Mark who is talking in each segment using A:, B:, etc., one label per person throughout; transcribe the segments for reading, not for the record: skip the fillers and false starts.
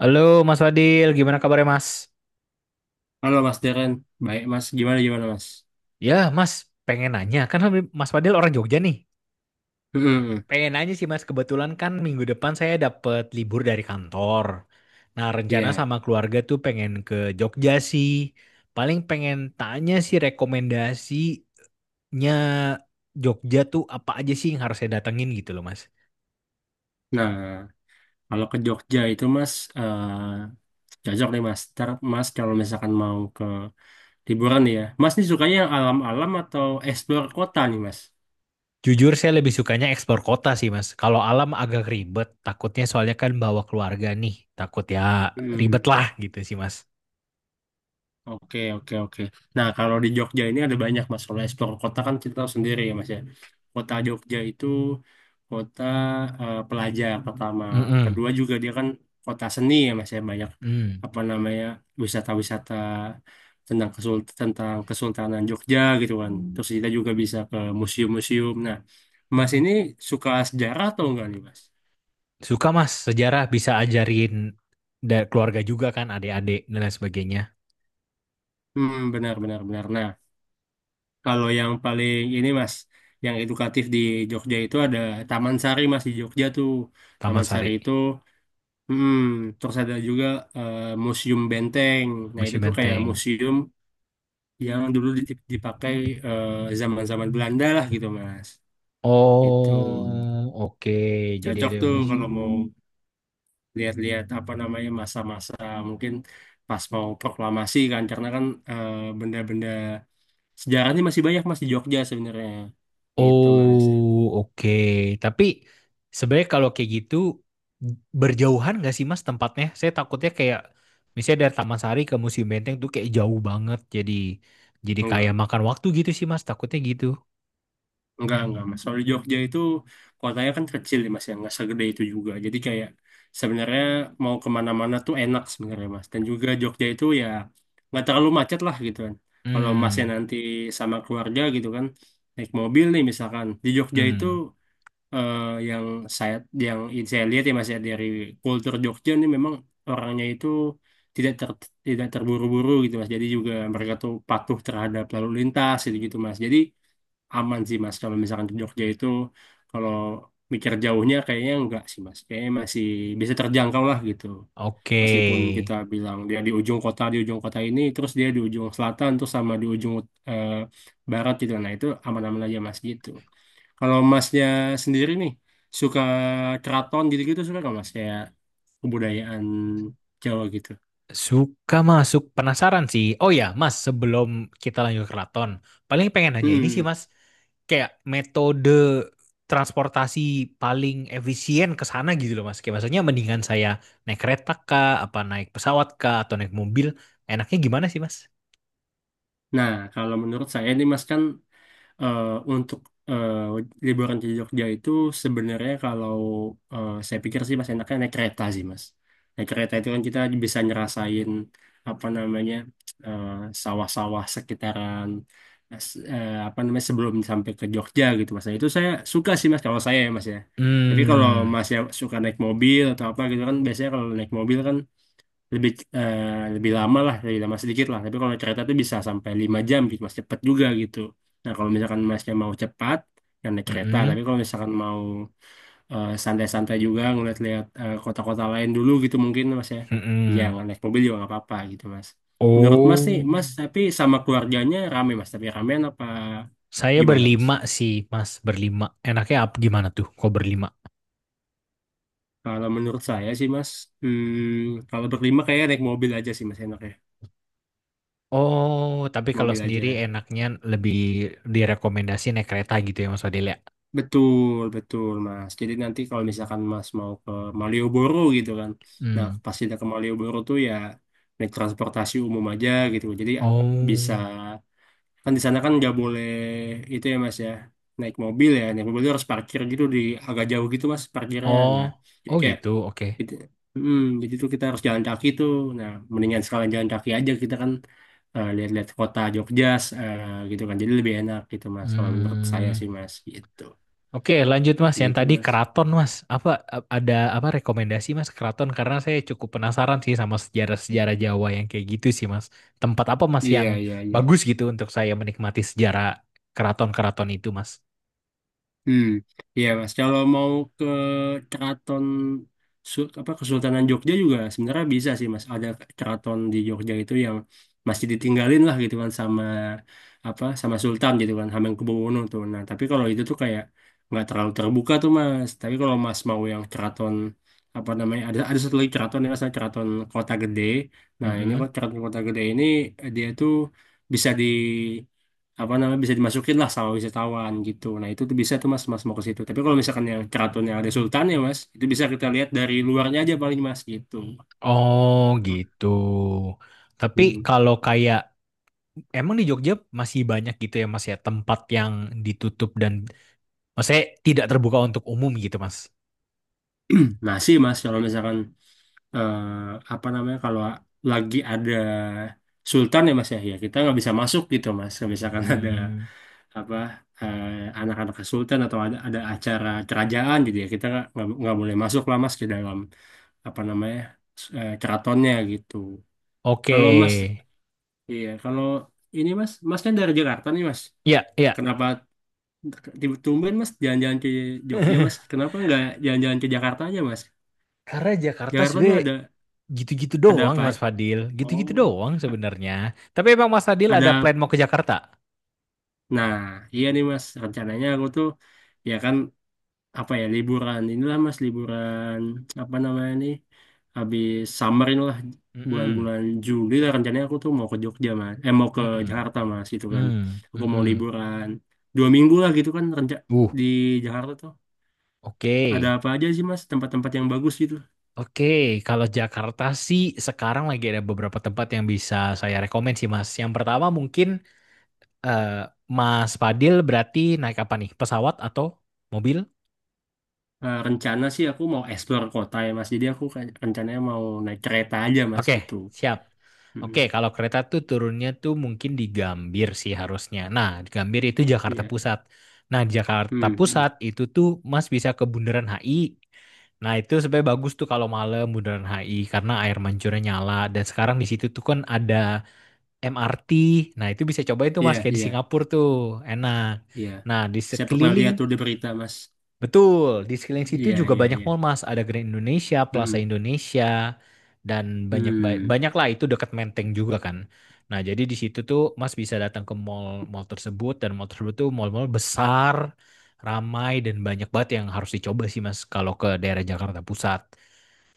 A: Halo Mas Fadil, gimana kabarnya Mas?
B: Halo Mas Deren, baik Mas, gimana gimana Mas?
A: Ya Mas, pengen nanya, kan Mas Fadil orang Jogja nih.
B: Hmm,
A: Pengen nanya sih Mas, kebetulan kan minggu depan saya dapat libur dari kantor. Nah, rencana
B: iya.
A: sama keluarga tuh pengen ke Jogja sih. Paling pengen tanya sih rekomendasinya Jogja tuh apa aja sih yang harus saya datengin gitu loh Mas.
B: Nah, kalau ke Jogja itu Mas, eh cocok nih Mas. Ntar Mas kalau misalkan mau ke liburan nih ya, Mas nih sukanya yang alam-alam atau explore kota nih Mas?
A: Jujur saya lebih sukanya eksplor kota sih Mas. Kalau alam agak ribet, takutnya soalnya kan bawa keluarga nih. Takut ya ribet
B: Hmm.
A: lah gitu sih Mas.
B: Oke, oke, oke. Nah, kalau di Jogja ini ada banyak Mas. Kalau explore kota kan kita tahu sendiri ya Mas ya. Kota Jogja itu kota pelajar pertama.
A: Mm-mm.
B: Kedua juga dia kan kota seni ya Mas ya. Banyak
A: Hmm,
B: apa namanya wisata-wisata tentang kesul tentang Kesultanan Jogja gitu kan. Terus kita juga bisa ke museum-museum. Nah, Mas ini suka sejarah atau enggak nih Mas?
A: suka Mas, sejarah bisa ajarin dari keluarga juga kan, adik-adik dan lain sebagainya.
B: Hmm, benar, benar, benar. Nah, kalau yang paling ini Mas, yang edukatif di Jogja itu ada Taman Sari Mas di Jogja tuh.
A: Taman
B: Taman Sari
A: Sari,
B: itu, hmm, terus ada juga eh, Museum Benteng. Nah itu
A: Museum
B: tuh kayak
A: Menteng.
B: museum yang dulu dipakai zaman-zaman Belanda lah gitu Mas. Itu
A: Oh, oke. Jadi
B: cocok
A: ada
B: tuh
A: museum.
B: kalau mau lihat-lihat apa namanya masa-masa mungkin pas mau proklamasi kan, karena kan eh, benda-benda sejarahnya masih banyak Mas di Jogja sebenarnya. Gitu Mas.
A: Oh, oke. Tapi sebenarnya kalau kayak gitu berjauhan nggak sih Mas tempatnya? Saya takutnya kayak misalnya dari Taman Sari ke Museum Menteng tuh kayak jauh banget. Jadi kayak
B: Enggak.
A: makan waktu gitu sih Mas. Takutnya gitu.
B: Enggak, Mas. Soalnya Jogja itu kotanya kan kecil ya, Mas, ya. Enggak segede itu juga. Jadi kayak sebenarnya mau kemana-mana tuh enak sebenarnya, Mas. Dan juga Jogja itu ya nggak terlalu macet lah gitu kan. Kalau Masnya
A: Hmm,
B: nanti sama keluarga gitu kan, naik mobil nih misalkan. Di Jogja itu
A: hmm,
B: eh, yang saya yang saya lihat ya, Mas, ya, dari kultur Jogja nih memang orangnya itu tidak ter, tidak terburu-buru gitu, Mas. Jadi juga mereka tuh patuh terhadap lalu lintas gitu-gitu, Mas. Jadi aman sih mas kalau misalkan ke Jogja itu, kalau mikir jauhnya kayaknya enggak sih mas, kayaknya masih bisa terjangkau lah gitu.
A: oke.
B: Meskipun kita bilang dia di ujung kota, di ujung kota ini, terus dia di ujung selatan, terus sama di ujung eh, barat gitu, nah itu aman-aman aja mas gitu. Kalau masnya sendiri nih suka keraton gitu-gitu, suka nggak mas kayak kebudayaan Jawa gitu?
A: Suka masuk penasaran sih. Oh ya, Mas, sebelum kita lanjut ke keraton, paling pengen nanya ini sih,
B: Hmm.
A: Mas. Kayak metode transportasi paling efisien ke sana gitu loh, Mas. Kayak maksudnya mendingan saya naik kereta kah, apa naik pesawat kah, atau naik mobil. Enaknya gimana sih, Mas?
B: Nah, kalau menurut saya nih Mas kan eh, untuk eh, liburan di Jogja itu sebenarnya kalau saya pikir sih mas enaknya naik kereta sih mas. Naik kereta itu kan kita bisa ngerasain apa namanya eh, sawah-sawah sekitaran apa namanya sebelum sampai ke Jogja gitu mas. Nah, itu saya suka sih mas kalau saya ya mas ya. Tapi kalau
A: Hmm,
B: mas ya suka naik mobil atau apa gitu kan, biasanya kalau naik mobil kan lebih eh, lebih lama lah, lebih lama sedikit lah. Tapi kalau kereta itu bisa sampai 5 jam gitu mas, cepet juga gitu. Nah kalau misalkan masnya mau cepat, yang naik kereta.
A: mm-mm,
B: Tapi kalau misalkan mau santai-santai juga, ngeliat-liat kota-kota lain dulu gitu mungkin mas ya, ya
A: mm-mm.
B: nggak naik mobil juga nggak apa-apa gitu mas. Menurut mas nih
A: Oh,
B: mas, tapi sama keluarganya rame mas, tapi ramean apa
A: saya
B: gimana mas?
A: berlima sih, Mas. Berlima. Enaknya apa gimana tuh? Kok berlima?
B: Kalau menurut saya sih mas, kalau berlima kayak naik mobil aja sih mas enaknya.
A: Oh, tapi kalau
B: Mobil
A: sendiri
B: aja.
A: enaknya lebih direkomendasi naik kereta gitu ya Mas Fadil ya?
B: Betul, betul, Mas. Jadi nanti kalau misalkan Mas mau ke Malioboro gitu kan. Nah,
A: Hmm.
B: pas kita ke Malioboro tuh ya naik transportasi umum aja gitu. Jadi bisa,
A: Oh,
B: kan di sana kan nggak boleh itu ya Mas ya, naik mobil ya. Naik mobil tuh harus parkir gitu di agak jauh gitu Mas parkirnya. Nah,
A: oh,
B: jadi
A: oh
B: kayak
A: gitu. Oke.
B: gitu. Jadi tuh kita harus jalan kaki tuh. Nah, mendingan sekalian jalan kaki aja kita kan, lihat-lihat kota Jogja eh, gitu kan. Jadi lebih enak gitu Mas kalau menurut saya
A: Hmm.
B: sih Mas gitu.
A: Oke, lanjut Mas. Yang
B: Gitu,
A: tadi
B: Mas.
A: keraton Mas. Apa ada apa rekomendasi Mas keraton? Karena saya cukup penasaran sih sama sejarah-sejarah Jawa yang kayak gitu sih Mas. Tempat apa Mas yang
B: Iya, iya, iya.
A: bagus gitu untuk saya menikmati sejarah keraton-keraton itu Mas?
B: Hmm. Iya, Mas. Kalau mau ke keraton apa Kesultanan Jogja juga sebenarnya bisa sih, Mas. Ada keraton di Jogja itu yang masih ditinggalin lah gitu kan sama apa sama Sultan gitu kan, Hamengkubuwono tuh. Nah, tapi kalau itu tuh kayak nggak terlalu terbuka tuh, Mas. Tapi kalau Mas mau yang keraton apa namanya, ada satu lagi keraton yang namanya keraton Kota Gede. Nah, ini
A: Mm-mm.
B: kok keraton Kota Gede ini dia tuh bisa di apa namanya bisa dimasukin lah sama wisatawan gitu. Nah itu tuh bisa tuh mas, mas mau ke situ. Tapi kalau misalkan yang keraton yang ada sultan ya mas, itu bisa kita lihat dari luarnya aja paling mas gitu.
A: Oh gitu. Tapi
B: Hmm.
A: kalau kayak, emang di Jogja masih banyak gitu ya Mas ya tempat yang ditutup dan maksudnya tidak terbuka untuk umum gitu Mas?
B: Nah sih mas kalau misalkan eh, apa namanya, kalau lagi ada sultan ya mas ya, ya kita nggak bisa masuk gitu mas. Kalau misalkan ada
A: Hmm,
B: apa eh, anak-anak sultan atau ada acara kerajaan gitu ya, kita nggak boleh masuk lah mas ke dalam apa namanya keratonnya gitu.
A: oke.
B: Kalau Mas Iya, kalau ini Mas, Mas kan dari Jakarta nih Mas.
A: Ya, ya.
B: Kenapa tumben Mas jalan-jalan ke Jogja Mas? Kenapa nggak jalan-jalan ke Jakarta aja Mas?
A: Karena Jakarta
B: Jakarta tuh
A: sebenarnya
B: ada
A: gitu-gitu
B: ada
A: doang
B: apa?
A: Mas Fadil, gitu-gitu
B: Oh,
A: doang
B: a-
A: sebenarnya. Tapi emang Mas Fadil ada plan
B: ada.
A: mau ke Jakarta?
B: Nah, iya nih Mas. Rencananya aku tuh ya kan apa ya, liburan inilah mas, liburan apa namanya nih, habis summer inilah,
A: Mm-mm.
B: bulan-bulan Juli lah rencananya. Aku tuh mau ke Jogja mas eh mau ke
A: Mm-mm.
B: Jakarta mas gitu kan.
A: Mm,
B: Aku mau
A: mm-mm.
B: liburan 2 minggu lah gitu kan,
A: Uh,
B: di Jakarta tuh
A: oke.
B: ada apa aja sih mas, tempat-tempat yang bagus gitu?
A: Oke, kalau Jakarta sih sekarang lagi ada beberapa tempat yang bisa saya rekomen sih Mas. Yang pertama mungkin, eh, Mas Fadil berarti naik apa nih? Pesawat atau mobil?
B: Rencana sih aku mau explore kota ya mas, jadi aku kayak rencananya mau naik kereta aja mas
A: Oke,
B: gitu.
A: siap. Oke,
B: Mm-mm.
A: kalau kereta tuh turunnya tuh mungkin di Gambir sih harusnya. Nah, di Gambir itu Jakarta
B: Iya.
A: Pusat. Nah, di Jakarta
B: Hmm, hmm.
A: Pusat itu tuh Mas bisa ke Bundaran HI. Nah, itu sebenarnya bagus tuh kalau malam Bundaran HI karena air mancurnya nyala dan sekarang di situ tuh kan ada MRT. Nah, itu bisa cobain tuh
B: Iya,
A: Mas kayak di
B: iya,
A: Singapura tuh. Enak.
B: iya,
A: Nah, di
B: saya pernah
A: sekeliling
B: lihat tuh di berita mas.
A: Betul, di sekeliling situ
B: Iya,
A: juga
B: iya,
A: banyak
B: iya.
A: mall Mas, ada Grand Indonesia, Plaza Indonesia, dan banyak
B: Hmm,
A: banyak lah itu dekat Menteng juga kan. Nah, jadi di situ tuh Mas bisa datang ke mall-mall tersebut dan mall tersebut tuh mall-mall besar, ramai dan banyak banget yang harus dicoba sih Mas kalau ke daerah Jakarta Pusat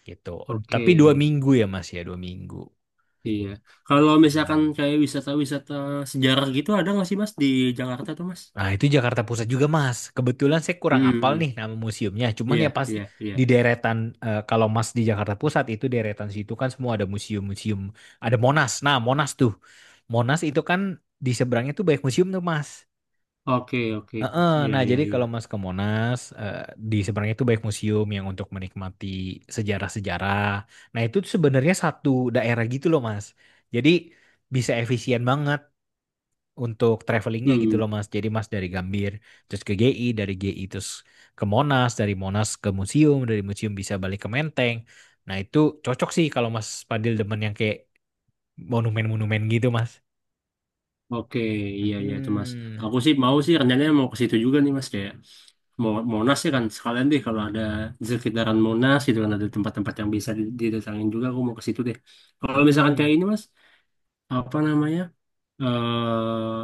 A: gitu.
B: oke,
A: Tapi 2 minggu ya Mas ya, 2 minggu.
B: iya. Kalau misalkan
A: Hmm.
B: kayak wisata-wisata sejarah gitu ada nggak sih Mas di Jakarta tuh Mas?
A: Nah, itu Jakarta Pusat juga, Mas. Kebetulan saya kurang apal
B: Hmm,
A: nih nama museumnya. Cuman
B: iya,
A: ya pas
B: iya, iya.
A: di deretan, eh, kalau Mas di Jakarta Pusat itu deretan situ kan semua ada museum-museum. Ada Monas. Nah, Monas tuh. Monas itu kan di seberangnya tuh banyak museum tuh, Mas.
B: Oke, oke
A: Heeh.
B: Mas, iya,
A: Nah,
B: iya,
A: jadi
B: iya.
A: kalau Mas ke Monas, eh, di seberangnya tuh banyak museum yang untuk menikmati sejarah-sejarah. Nah, itu tuh sebenarnya satu daerah gitu loh, Mas. Jadi bisa efisien banget untuk travelingnya gitu
B: Hmm,
A: loh Mas. Jadi Mas dari Gambir terus ke GI, dari GI terus ke Monas, dari Monas ke museum, dari museum bisa balik ke Menteng. Nah, itu cocok sih kalau Mas Padil demen yang kayak monumen-monumen gitu Mas.
B: oke, iya, iya itu Mas.
A: Mm-mm.
B: Aku sih mau sih rencananya mau ke situ juga nih Mas, kayak mau Monas ya kan, sekalian deh kalau ada di sekitaran Monas gitu kan ada tempat-tempat yang bisa didatangin, juga aku mau ke situ deh. Kalau misalkan kayak
A: Mm-mm.
B: ini Mas, apa namanya, eh,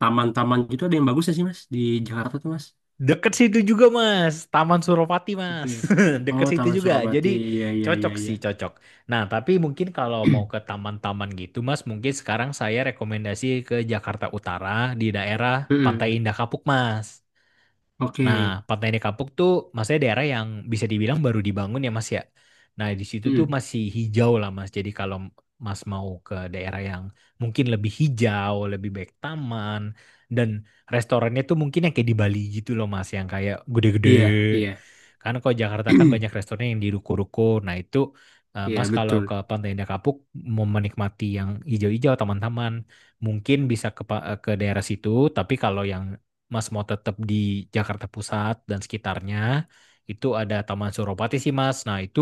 B: taman-taman gitu, ada yang bagus ya sih Mas di Jakarta tuh Mas?
A: Deket situ juga Mas, Taman Suropati Mas.
B: Oke.
A: Deket
B: Oh,
A: situ
B: Taman
A: juga.
B: Surabati.
A: Jadi
B: Iya, iya, iya,
A: cocok
B: iya.
A: sih, cocok. Nah, tapi mungkin kalau mau ke taman-taman gitu Mas, mungkin sekarang saya rekomendasi ke Jakarta Utara di daerah Pantai
B: Mm-mm.
A: Indah Kapuk Mas.
B: Oke.
A: Nah, Pantai Kapuk tuh maksudnya daerah yang bisa dibilang baru dibangun ya Mas ya. Nah, di situ tuh
B: Mm.
A: masih hijau lah Mas. Jadi kalau Mas mau ke daerah yang mungkin lebih hijau, lebih baik taman dan restorannya tuh mungkin yang kayak di Bali gitu loh Mas, yang kayak gede-gede.
B: Iya, iya.
A: Karena kalau Jakarta kan banyak restoran yang di ruko-ruko. Nah, itu, eh,
B: Iya,
A: Mas kalau ke
B: betul.
A: Pantai Indah Kapuk mau menikmati yang hijau-hijau, taman-taman, mungkin bisa ke ke daerah situ, tapi kalau yang Mas mau tetap di Jakarta Pusat dan sekitarnya, itu ada Taman Suropati sih Mas. Nah, itu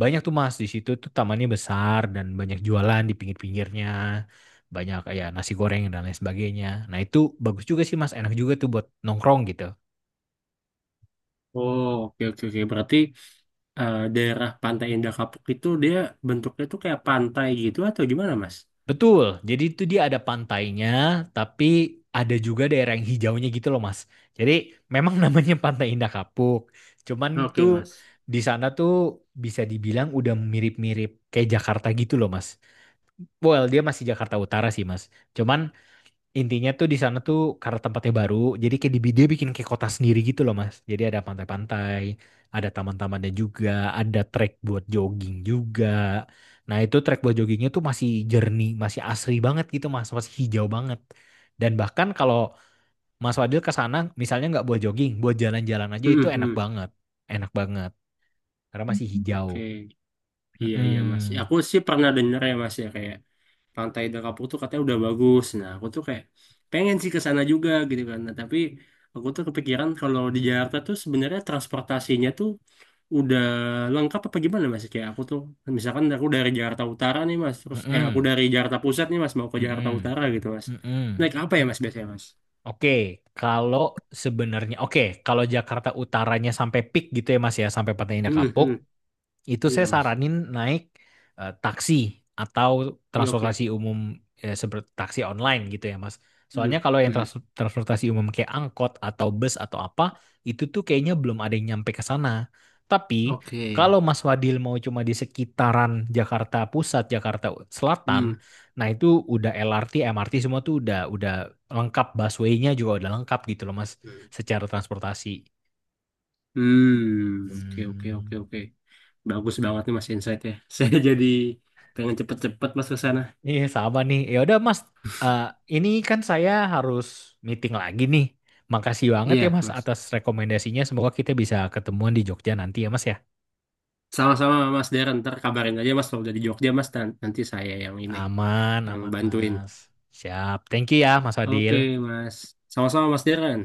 A: banyak tuh Mas di situ tuh tamannya besar dan banyak jualan di pinggir-pinggirnya, banyak ya nasi goreng dan lain sebagainya. Nah, itu bagus juga sih Mas, enak juga tuh buat nongkrong gitu.
B: Oh, oke, oke, oke. Berarti daerah Pantai Indah Kapuk itu dia bentuknya tuh kayak pantai gitu atau gimana, Mas?
A: Betul, jadi itu dia ada pantainya, tapi ada juga daerah yang hijaunya gitu loh Mas. Jadi memang namanya Pantai Indah Kapuk, cuman
B: Oke,
A: tuh
B: Mas.
A: di sana tuh bisa dibilang udah mirip-mirip kayak Jakarta gitu loh Mas. Well, dia masih Jakarta Utara sih Mas. Cuman intinya tuh di sana tuh karena tempatnya baru, jadi kayak di dia bikin kayak kota sendiri gitu loh Mas. Jadi ada pantai-pantai, ada taman-tamannya juga, ada trek buat jogging juga. Nah, itu trek buat joggingnya tuh masih jernih, masih asri banget gitu Mas, masih hijau banget. Dan bahkan kalau Mas Wadil ke sana, misalnya nggak buat jogging, buat jalan-jalan aja itu
B: Mm-mm.
A: enak banget karena masih hijau.
B: Oke. Iya, iya mas. Ya,
A: Mm-mm.
B: aku sih pernah denger ya mas ya, kayak pantai Dakapu tuh katanya udah bagus. Nah aku tuh kayak pengen sih ke sana juga gitu kan. Nah, tapi aku tuh kepikiran kalau di Jakarta tuh sebenarnya transportasinya tuh udah lengkap apa gimana mas? Kayak aku tuh misalkan aku dari Jakarta Utara nih mas. Terus aku
A: Mm-mm.
B: dari Jakarta Pusat nih mas mau ke Jakarta
A: Mm-mm.
B: Utara gitu mas.
A: Mm-mm.
B: Naik apa ya mas biasanya mas?
A: Oke, kalau sebenarnya, oke, kalau Jakarta utaranya sampai peak gitu ya Mas ya, sampai pantainya
B: Hmm,
A: kapuk,
B: hmm.
A: itu
B: Iya
A: saya
B: mas.
A: saranin naik, taksi atau
B: Iya, oke.
A: transportasi umum, seperti taksi online gitu ya Mas.
B: Hmm,
A: Soalnya kalau yang
B: hmm.
A: transportasi umum kayak angkot atau bus atau apa itu tuh kayaknya belum ada yang nyampe ke sana. Tapi
B: Oke.
A: kalau Mas Wadil mau cuma di sekitaran Jakarta Pusat, Jakarta Selatan,
B: Hmm.
A: nah itu udah LRT, MRT semua tuh udah lengkap busway-nya juga udah lengkap gitu loh Mas secara transportasi.
B: Hmm, oke, oke,
A: Hmm.
B: oke, oke. Bagus banget nih Mas insight-nya. Saya jadi pengen cepet-cepet Mas ke sana.
A: Iya sama nih. Ya udah Mas, eh, ini kan saya harus meeting lagi nih. Makasih banget ya
B: Iya,
A: Mas
B: Mas.
A: atas rekomendasinya. Semoga kita bisa ketemuan di Jogja nanti ya Mas ya.
B: Sama-sama Mas Darren, ntar kabarin aja Mas kalau udah di Jogja Mas, nanti saya yang ini
A: Aman,
B: yang
A: aman
B: bantuin.
A: Mas. Siap. Thank you ya Mas
B: Oke,
A: Adil.
B: Mas. Sama-sama Mas Darren.